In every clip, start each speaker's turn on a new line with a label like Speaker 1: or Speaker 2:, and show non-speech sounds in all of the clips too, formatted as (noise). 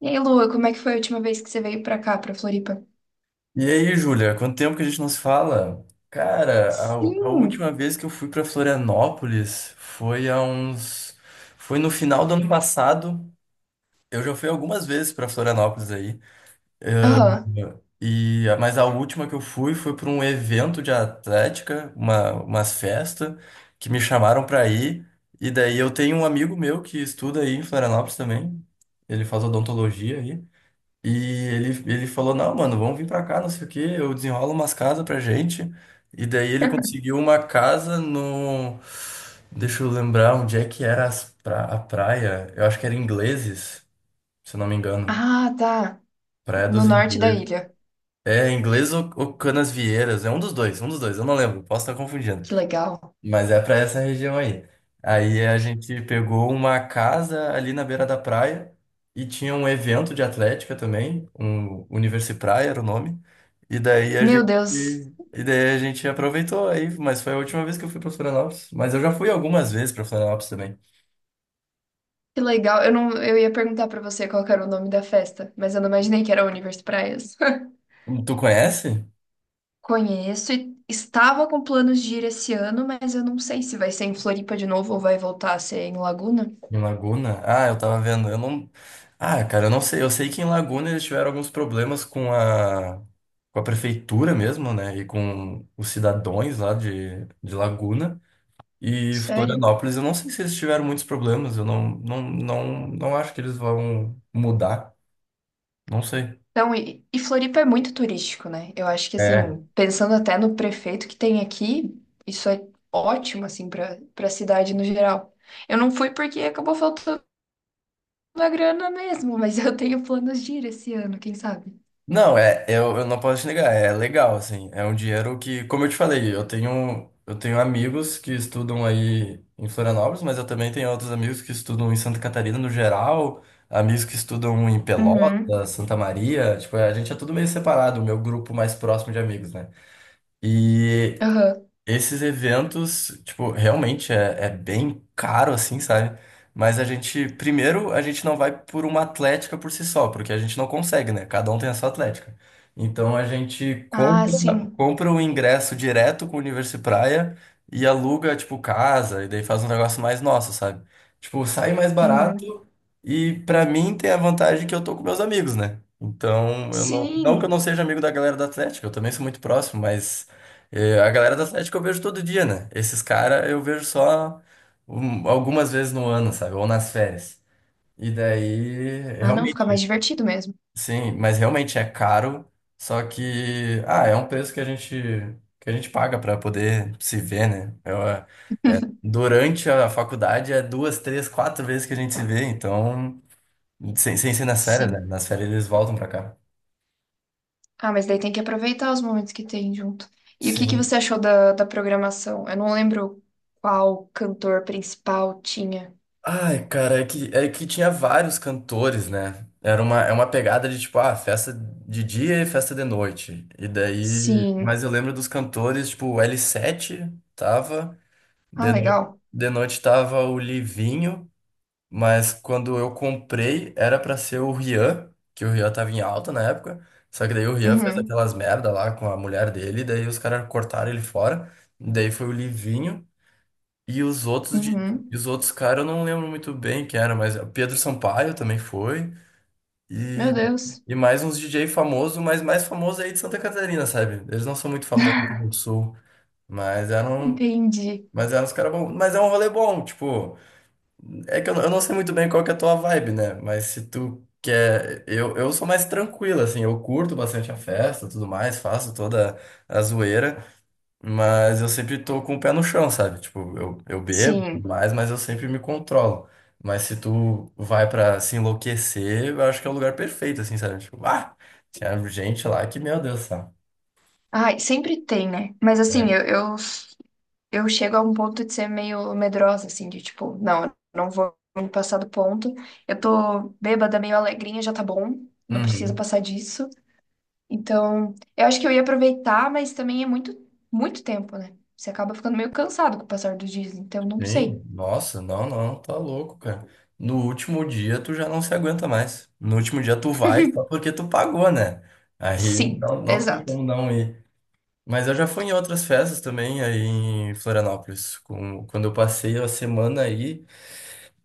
Speaker 1: E aí, Lua, como é que foi a última vez que você veio pra cá, pra Floripa?
Speaker 2: E aí, Júlia, quanto tempo que a gente não se fala? Cara, a última
Speaker 1: Sim.
Speaker 2: vez que eu fui para Florianópolis foi há uns. Foi no final do ano passado. Eu já fui algumas vezes para Florianópolis aí.
Speaker 1: Aham.
Speaker 2: E, mas a última que eu fui foi para um evento de atlética, umas festas, que me chamaram para ir. E daí eu tenho um amigo meu que estuda aí em Florianópolis também. Ele faz odontologia aí. E ele falou, não, mano, vamos vir pra cá, não sei o quê, eu desenrolo umas casas pra gente. E daí ele
Speaker 1: (laughs)
Speaker 2: conseguiu uma casa no... Deixa eu lembrar onde é que era a praia. Eu acho que era Ingleses, se eu não me engano.
Speaker 1: Ah, tá.
Speaker 2: Praia
Speaker 1: No
Speaker 2: dos
Speaker 1: norte da
Speaker 2: Ingleses.
Speaker 1: ilha.
Speaker 2: É, Inglês ou Canas Vieiras. É um dos dois, eu não lembro, posso estar confundindo.
Speaker 1: Que legal.
Speaker 2: Mas é para essa região aí. Aí a gente pegou uma casa ali na beira da praia e tinha um evento de atlética também, um Universi Praia era o nome. E daí a
Speaker 1: Meu
Speaker 2: gente
Speaker 1: Deus,
Speaker 2: e daí a gente aproveitou aí, mas foi a última vez que eu fui para Florianópolis, mas eu já fui algumas vezes para Florianópolis também.
Speaker 1: que legal. Eu não, eu ia perguntar pra você qual que era o nome da festa, mas eu não imaginei que era Universo Praias. (laughs)
Speaker 2: Tu conhece?
Speaker 1: Conheço e estava com planos de ir esse ano, mas eu não sei se vai ser em Floripa de novo ou vai voltar a ser em Laguna.
Speaker 2: Em Laguna? Ah, eu tava vendo. Eu não. Ah, cara, eu não sei. Eu sei que em Laguna eles tiveram alguns problemas com a prefeitura mesmo, né? E com os cidadãos lá de Laguna. E
Speaker 1: Sério?
Speaker 2: Florianópolis, eu não sei se eles tiveram muitos problemas. Eu não acho que eles vão mudar. Não sei.
Speaker 1: Então, e Floripa é muito turístico, né? Eu acho que,
Speaker 2: É.
Speaker 1: assim, pensando até no prefeito que tem aqui, isso é ótimo, assim, para a cidade no geral. Eu não fui porque acabou faltando a grana mesmo, mas eu tenho planos de ir esse ano, quem sabe?
Speaker 2: Não, é, eu não posso te negar, é legal, assim, é um dinheiro que, como eu te falei, eu tenho amigos que estudam aí em Florianópolis, mas eu também tenho outros amigos que estudam em Santa Catarina no geral, amigos que estudam em
Speaker 1: Uhum.
Speaker 2: Pelotas, Santa Maria, tipo, a gente é tudo meio separado, o meu grupo mais próximo de amigos, né? E
Speaker 1: Aham.
Speaker 2: esses eventos, tipo, realmente é bem caro, assim, sabe? Mas a gente, primeiro, a gente não vai por uma atlética por si só, porque a gente não consegue, né? Cada um tem a sua atlética. Então a gente
Speaker 1: Ah,
Speaker 2: compra,
Speaker 1: sim.
Speaker 2: compra o ingresso direto com o Universo Praia e aluga, tipo, casa, e daí faz um negócio mais nosso, sabe? Tipo, sai mais barato
Speaker 1: Uhum.
Speaker 2: e pra mim tem a vantagem que eu tô com meus amigos, né? Então, eu não, não que eu
Speaker 1: Sim.
Speaker 2: não seja amigo da galera da Atlética, eu também sou muito próximo, mas. É, a galera do Atlético eu vejo todo dia, né? Esses caras eu vejo só algumas vezes no ano, sabe? Ou nas férias. E daí,
Speaker 1: Ah, não, fica mais
Speaker 2: realmente,
Speaker 1: divertido mesmo.
Speaker 2: sim, mas realmente é caro, só que, ah, é um preço que a gente paga pra poder se ver, né? Durante a faculdade é duas, três, quatro vezes que a gente se vê, então, sem ser nas férias, né?
Speaker 1: Sim.
Speaker 2: Nas férias eles voltam pra cá.
Speaker 1: Ah, mas daí tem que aproveitar os momentos que tem junto. E o que que
Speaker 2: Sim.
Speaker 1: você achou da programação? Eu não lembro qual cantor principal tinha.
Speaker 2: Ai, cara, é que tinha vários cantores, né? É uma pegada de tipo, ah, festa de dia e festa de noite. E daí.
Speaker 1: Sim.
Speaker 2: Mas eu lembro dos cantores, tipo, o L7 tava, de,
Speaker 1: Ah,
Speaker 2: no-
Speaker 1: legal.
Speaker 2: de noite tava o Livinho, mas quando eu comprei era pra ser o Rian, que o Rian tava em alta na época. Só que daí o Rian fez
Speaker 1: Uhum.
Speaker 2: aquelas merda lá com a mulher dele, daí os caras cortaram ele fora. Daí foi o Livinho. E os outros de, e
Speaker 1: Uhum.
Speaker 2: os outros caras eu não lembro muito bem quem era, mas o Pedro Sampaio também foi.
Speaker 1: Meu
Speaker 2: E,
Speaker 1: Deus.
Speaker 2: e mais uns DJ famosos, mas mais famoso aí de Santa Catarina, sabe? Eles não são muito famosos aqui no sul, mas eram,
Speaker 1: Entendi.
Speaker 2: mas eram os caras bons. Mas é um rolê bom, tipo, é que eu não sei muito bem qual que é a tua vibe, né? Mas se tu quer, eu sou mais tranquilo, assim, eu curto bastante a festa, tudo mais, faço toda a zoeira. Mas eu sempre tô com o pé no chão, sabe? Tipo, eu bebo e tudo
Speaker 1: Sim.
Speaker 2: mais, mas eu sempre me controlo. Mas se tu vai pra se enlouquecer, eu acho que é o lugar perfeito, assim, sabe? Tipo, ah, tinha gente lá que, meu Deus, sabe?
Speaker 1: Ai, sempre tem, né? Mas assim,
Speaker 2: É.
Speaker 1: eu chego a um ponto de ser meio medrosa, assim, de tipo, não, eu não vou me passar do ponto. Eu tô bêbada, meio alegrinha, já tá bom. Não precisa
Speaker 2: Uhum.
Speaker 1: passar disso. Então, eu acho que eu ia aproveitar, mas também é muito, muito tempo, né? Você acaba ficando meio cansado com o passar dos dias, então não
Speaker 2: Sim,
Speaker 1: sei.
Speaker 2: nossa, não, não, tá louco, cara. No último dia tu já não se aguenta mais. No último dia tu vai só
Speaker 1: (laughs)
Speaker 2: porque tu pagou, né? Aí
Speaker 1: Sim,
Speaker 2: não, não tem
Speaker 1: exato.
Speaker 2: como não ir. Mas eu já fui em outras festas também aí em Florianópolis. Quando eu passei a semana aí.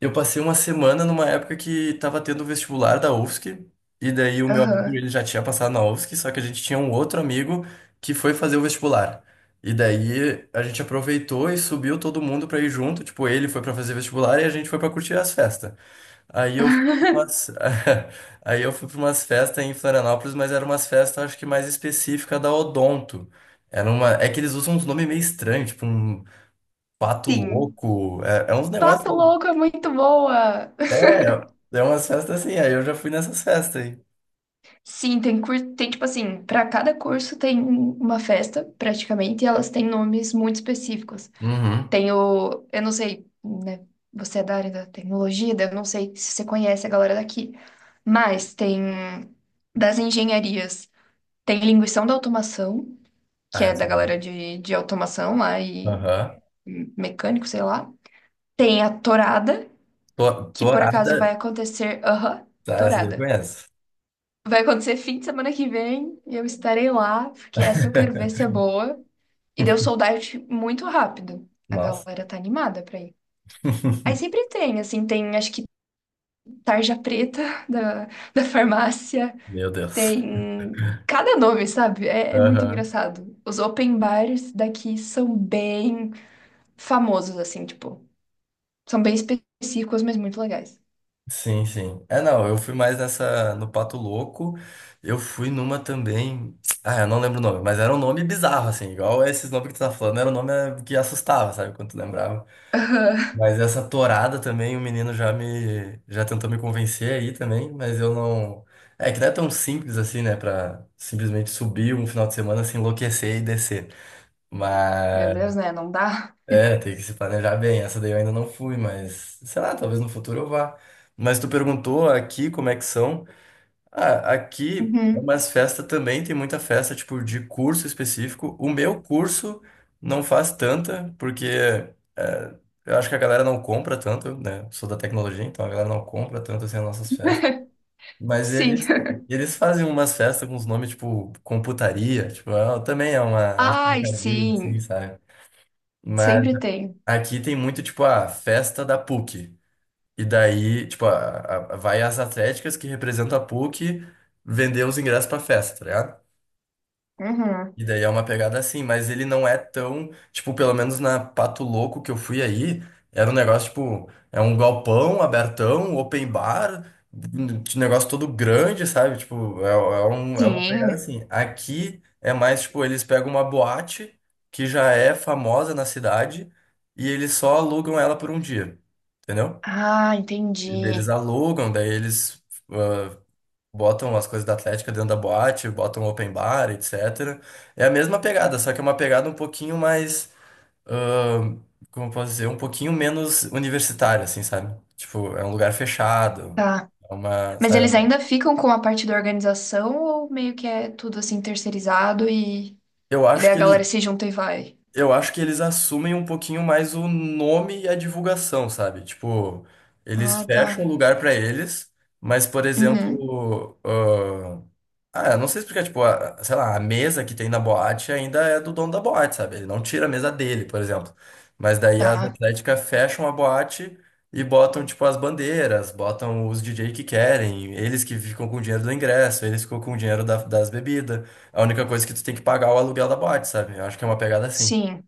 Speaker 2: Eu passei uma semana numa época que tava tendo o vestibular da UFSC, e daí o meu amigo
Speaker 1: Aham.
Speaker 2: ele já tinha passado na UFSC, só que a gente tinha um outro amigo que foi fazer o vestibular. E daí a gente aproveitou e subiu todo mundo pra ir junto, tipo, ele foi pra fazer vestibular e a gente foi pra curtir as festas. Aí eu fui
Speaker 1: (laughs)
Speaker 2: pra umas... (laughs) aí eu fui para umas festas em Florianópolis, mas eram umas festas acho que mais específicas da Odonto. Era uma... É que eles usam uns nomes meio estranhos, tipo um pato
Speaker 1: Sim.
Speaker 2: louco, é uns negócios
Speaker 1: Pato Louco é muito boa!
Speaker 2: é, é umas festas assim, aí eu já fui nessas festas aí.
Speaker 1: Sim, tem curso, tem tipo assim, para cada curso tem uma festa, praticamente, e elas têm nomes muito específicos.
Speaker 2: Uhum.
Speaker 1: Tem o, eu não sei, né? Você é da área da tecnologia, daí eu não sei se você conhece a galera daqui, mas tem das engenharias, tem linguição da automação, que
Speaker 2: Ah,
Speaker 1: é
Speaker 2: essa
Speaker 1: da
Speaker 2: daí.
Speaker 1: galera de automação lá e
Speaker 2: Aham.
Speaker 1: mecânico, sei lá. Tem a tourada, que por
Speaker 2: Torada.
Speaker 1: acaso vai acontecer, aham,
Speaker 2: Tá, essa daí eu
Speaker 1: tourada.
Speaker 2: conheço.
Speaker 1: Vai acontecer fim de semana que vem e eu estarei lá, porque essa eu quero ver se é
Speaker 2: (laughs)
Speaker 1: boa. E deu sold out muito rápido. A
Speaker 2: Nossa.
Speaker 1: galera tá animada pra ir. Aí
Speaker 2: (laughs)
Speaker 1: sempre tem, assim, tem acho que tarja preta (laughs) da, da farmácia,
Speaker 2: Meu Deus.
Speaker 1: tem cada nome, sabe? é, muito
Speaker 2: Aham.
Speaker 1: engraçado. Os open bars daqui são bem famosos, assim, tipo, são bem específicos, mas muito legais.
Speaker 2: Sim, sim. É, não, eu fui mais nessa, no Pato Louco. Eu fui numa também. Ah, eu não lembro o nome, mas era um nome bizarro, assim, igual esses nomes que tu tá falando, era um nome que assustava, sabe? Quando tu lembrava.
Speaker 1: (laughs)
Speaker 2: Mas essa torada também, o menino já já tentou me convencer aí também, mas eu não. É que não é tão simples assim, né? Pra simplesmente subir um final de semana, se enlouquecer e descer.
Speaker 1: Meu
Speaker 2: Mas
Speaker 1: Deus, né? Não dá?
Speaker 2: é, tem que se planejar bem. Essa daí eu ainda não fui, mas sei lá, talvez no futuro eu vá. Mas tu perguntou aqui como é que são. Ah, aqui é
Speaker 1: Uhum.
Speaker 2: umas festas também, tem muita festa, tipo, de curso específico. O meu curso não faz tanta, porque eh, eu acho que a galera não compra tanto, né? Sou da tecnologia, então a galera não compra tanto assim as nossas festas. Mas
Speaker 1: Sim.
Speaker 2: eles fazem umas festas com os nomes, tipo, computaria, tipo, também é uma,
Speaker 1: (laughs)
Speaker 2: é um
Speaker 1: Ai,
Speaker 2: trocadilho, assim,
Speaker 1: sim.
Speaker 2: sabe? Mas
Speaker 1: Sempre tem.
Speaker 2: aqui tem muito, tipo, a festa da PUC. E daí, tipo, vai as atléticas que representam a PUC vender os ingressos pra festa, tá ligado?
Speaker 1: Uhum.
Speaker 2: E daí é uma pegada assim, mas ele não é tão, tipo, pelo menos na Pato Louco que eu fui aí, era um negócio, tipo, é um galpão abertão, open bar, um negócio todo grande, sabe? Tipo, é uma pegada
Speaker 1: Sim.
Speaker 2: assim. Aqui é mais, tipo, eles pegam uma boate que já é famosa na cidade e eles só alugam ela por um dia, entendeu?
Speaker 1: Ah,
Speaker 2: Eles
Speaker 1: entendi.
Speaker 2: alugam, daí eles ah, botam as coisas da Atlética dentro da boate, botam open bar, etc. É a mesma pegada, só que é uma pegada um pouquinho mais, ah, como eu posso dizer, um pouquinho menos universitária, assim, sabe? Tipo, é um lugar fechado,
Speaker 1: Tá.
Speaker 2: é uma,
Speaker 1: Mas
Speaker 2: sabe?
Speaker 1: eles ainda ficam com a parte da organização ou meio que é tudo assim terceirizado
Speaker 2: Eu
Speaker 1: e
Speaker 2: acho
Speaker 1: daí a
Speaker 2: que eles,
Speaker 1: galera se junta e vai?
Speaker 2: eu acho que eles assumem um pouquinho mais o nome e a divulgação, sabe? Tipo, eles
Speaker 1: Ah, tá.
Speaker 2: fecham o lugar pra eles, mas, por
Speaker 1: Uhum.
Speaker 2: exemplo, eu não sei explicar, tipo, sei lá, a mesa que tem na boate ainda é do dono da boate, sabe? Ele não tira a mesa dele, por exemplo. Mas daí as
Speaker 1: Tá.
Speaker 2: atléticas fecham a boate e botam, tipo, as bandeiras, botam os DJ que querem, eles que ficam com o dinheiro do ingresso, eles ficam com o dinheiro das bebidas. A única coisa é que tu tem que pagar é o aluguel da boate, sabe? Eu acho que é uma pegada assim.
Speaker 1: Sim.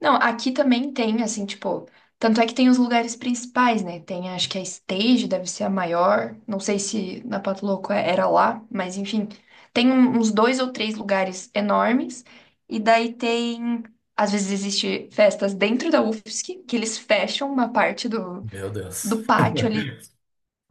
Speaker 1: Não, aqui também tem, assim, tipo, tanto é que tem os lugares principais, né? Tem, acho que a Stage deve ser a maior. Não sei se na Pato Louco era lá, mas enfim, tem uns dois ou três lugares enormes. E daí tem, às vezes existe festas dentro da UFSC, que eles fecham uma parte do,
Speaker 2: Meu Deus.
Speaker 1: do pátio ali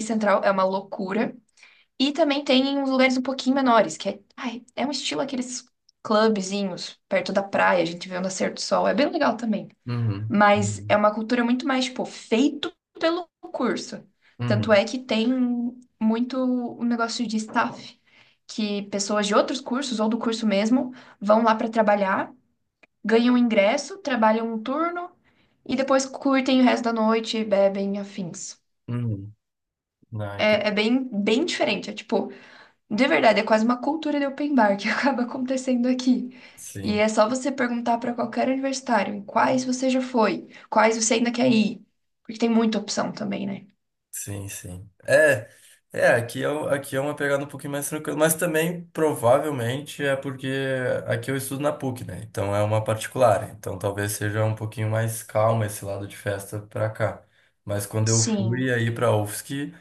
Speaker 1: central, é uma loucura. E também tem uns lugares um pouquinho menores, que é, ai, é um estilo aqueles clubezinhos perto da praia, a gente vê o nascer do sol, é bem legal também.
Speaker 2: Uhum.
Speaker 1: Mas é
Speaker 2: Uhum.
Speaker 1: uma cultura muito mais, tipo, feito pelo curso. Tanto
Speaker 2: Uhum.
Speaker 1: é que tem muito um negócio de staff, que pessoas de outros cursos ou do curso mesmo vão lá para trabalhar, ganham ingresso, trabalham um turno e depois curtem o resto da noite, bebem, afins.
Speaker 2: Uhum. Não, entendi.
Speaker 1: é, bem, bem diferente. É tipo, de verdade, é quase uma cultura de open bar que (laughs) acaba acontecendo aqui. E
Speaker 2: Sim.
Speaker 1: é só você perguntar para qualquer universitário em quais você já foi, quais você ainda quer ir. Porque tem muita opção também, né?
Speaker 2: Sim, sim. É, aqui é uma pegada um pouquinho mais tranquila, mas também provavelmente é porque aqui eu estudo na PUC, né? Então é uma particular, então talvez seja um pouquinho mais calma esse lado de festa pra cá. Mas quando eu fui
Speaker 1: Sim,
Speaker 2: aí pra UFSC,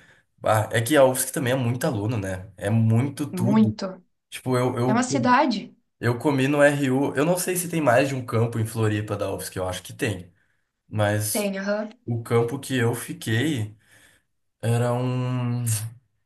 Speaker 2: ah, é que a UFSC também é muito aluno, né? É muito tudo.
Speaker 1: muito.
Speaker 2: Tipo, eu,
Speaker 1: É uma
Speaker 2: eu,
Speaker 1: cidade?
Speaker 2: eu comi no RU, eu não sei se tem mais de um campo em Floripa da UFSC, eu acho que tem, mas
Speaker 1: Tem, aham.
Speaker 2: o campo que eu fiquei. Era um.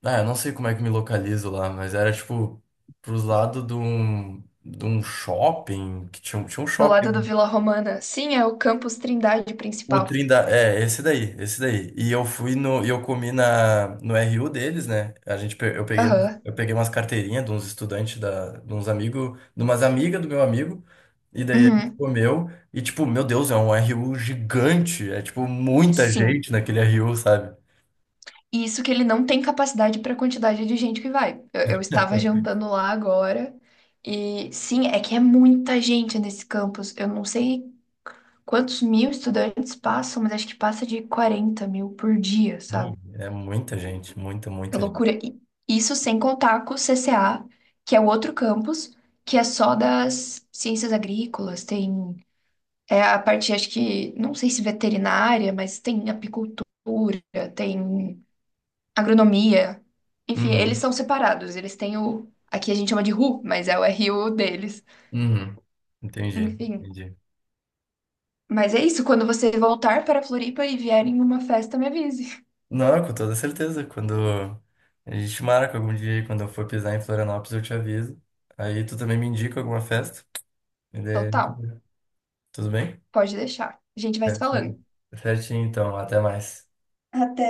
Speaker 2: Ah, eu não sei como é que me localizo lá, mas era tipo pros lados de um shopping, que tinha, tinha um
Speaker 1: Do lado do
Speaker 2: shopping.
Speaker 1: Vila Romana. Sim, é o campus Trindade
Speaker 2: O
Speaker 1: principal.
Speaker 2: Trindade, é, esse daí, esse daí. Eu comi no RU deles, né? A gente, pe- eu peguei, um-
Speaker 1: Aham.
Speaker 2: eu peguei umas carteirinhas de uns estudantes, de uns amigos, de umas amigas do meu amigo, e daí a gente
Speaker 1: Uhum.
Speaker 2: comeu, e tipo, meu Deus, é um RU gigante, é tipo muita
Speaker 1: Sim.
Speaker 2: gente naquele RU, sabe?
Speaker 1: E isso que ele não tem capacidade para a quantidade de gente que vai. Eu estava jantando lá agora. E sim, é que é muita gente nesse campus. Eu não sei quantos mil estudantes passam, mas acho que passa de 40 mil por dia, sabe?
Speaker 2: Hum. É muita gente, muita,
Speaker 1: É
Speaker 2: muita
Speaker 1: loucura.
Speaker 2: gente.
Speaker 1: E isso sem contar com o CCA, que é o outro campus, que é só das ciências agrícolas, tem é a parte, acho que, não sei se veterinária, mas tem apicultura, tem agronomia. Enfim, eles são separados, eles têm o. Aqui a gente chama de RU, mas é o RU deles.
Speaker 2: Uhum. Entendi,
Speaker 1: Enfim.
Speaker 2: entendi.
Speaker 1: Mas é isso, quando você voltar para Floripa e vier em uma festa, me avise.
Speaker 2: Não, com toda certeza. Quando a gente marca algum dia, aí, quando eu for pisar em Florianópolis, eu te aviso. Aí tu também me indica alguma festa. E daí, a gente
Speaker 1: Total.
Speaker 2: vai. Tudo bem?
Speaker 1: Pode deixar. A gente vai se
Speaker 2: Certinho.
Speaker 1: falando.
Speaker 2: Certinho, então. Até mais.
Speaker 1: Até.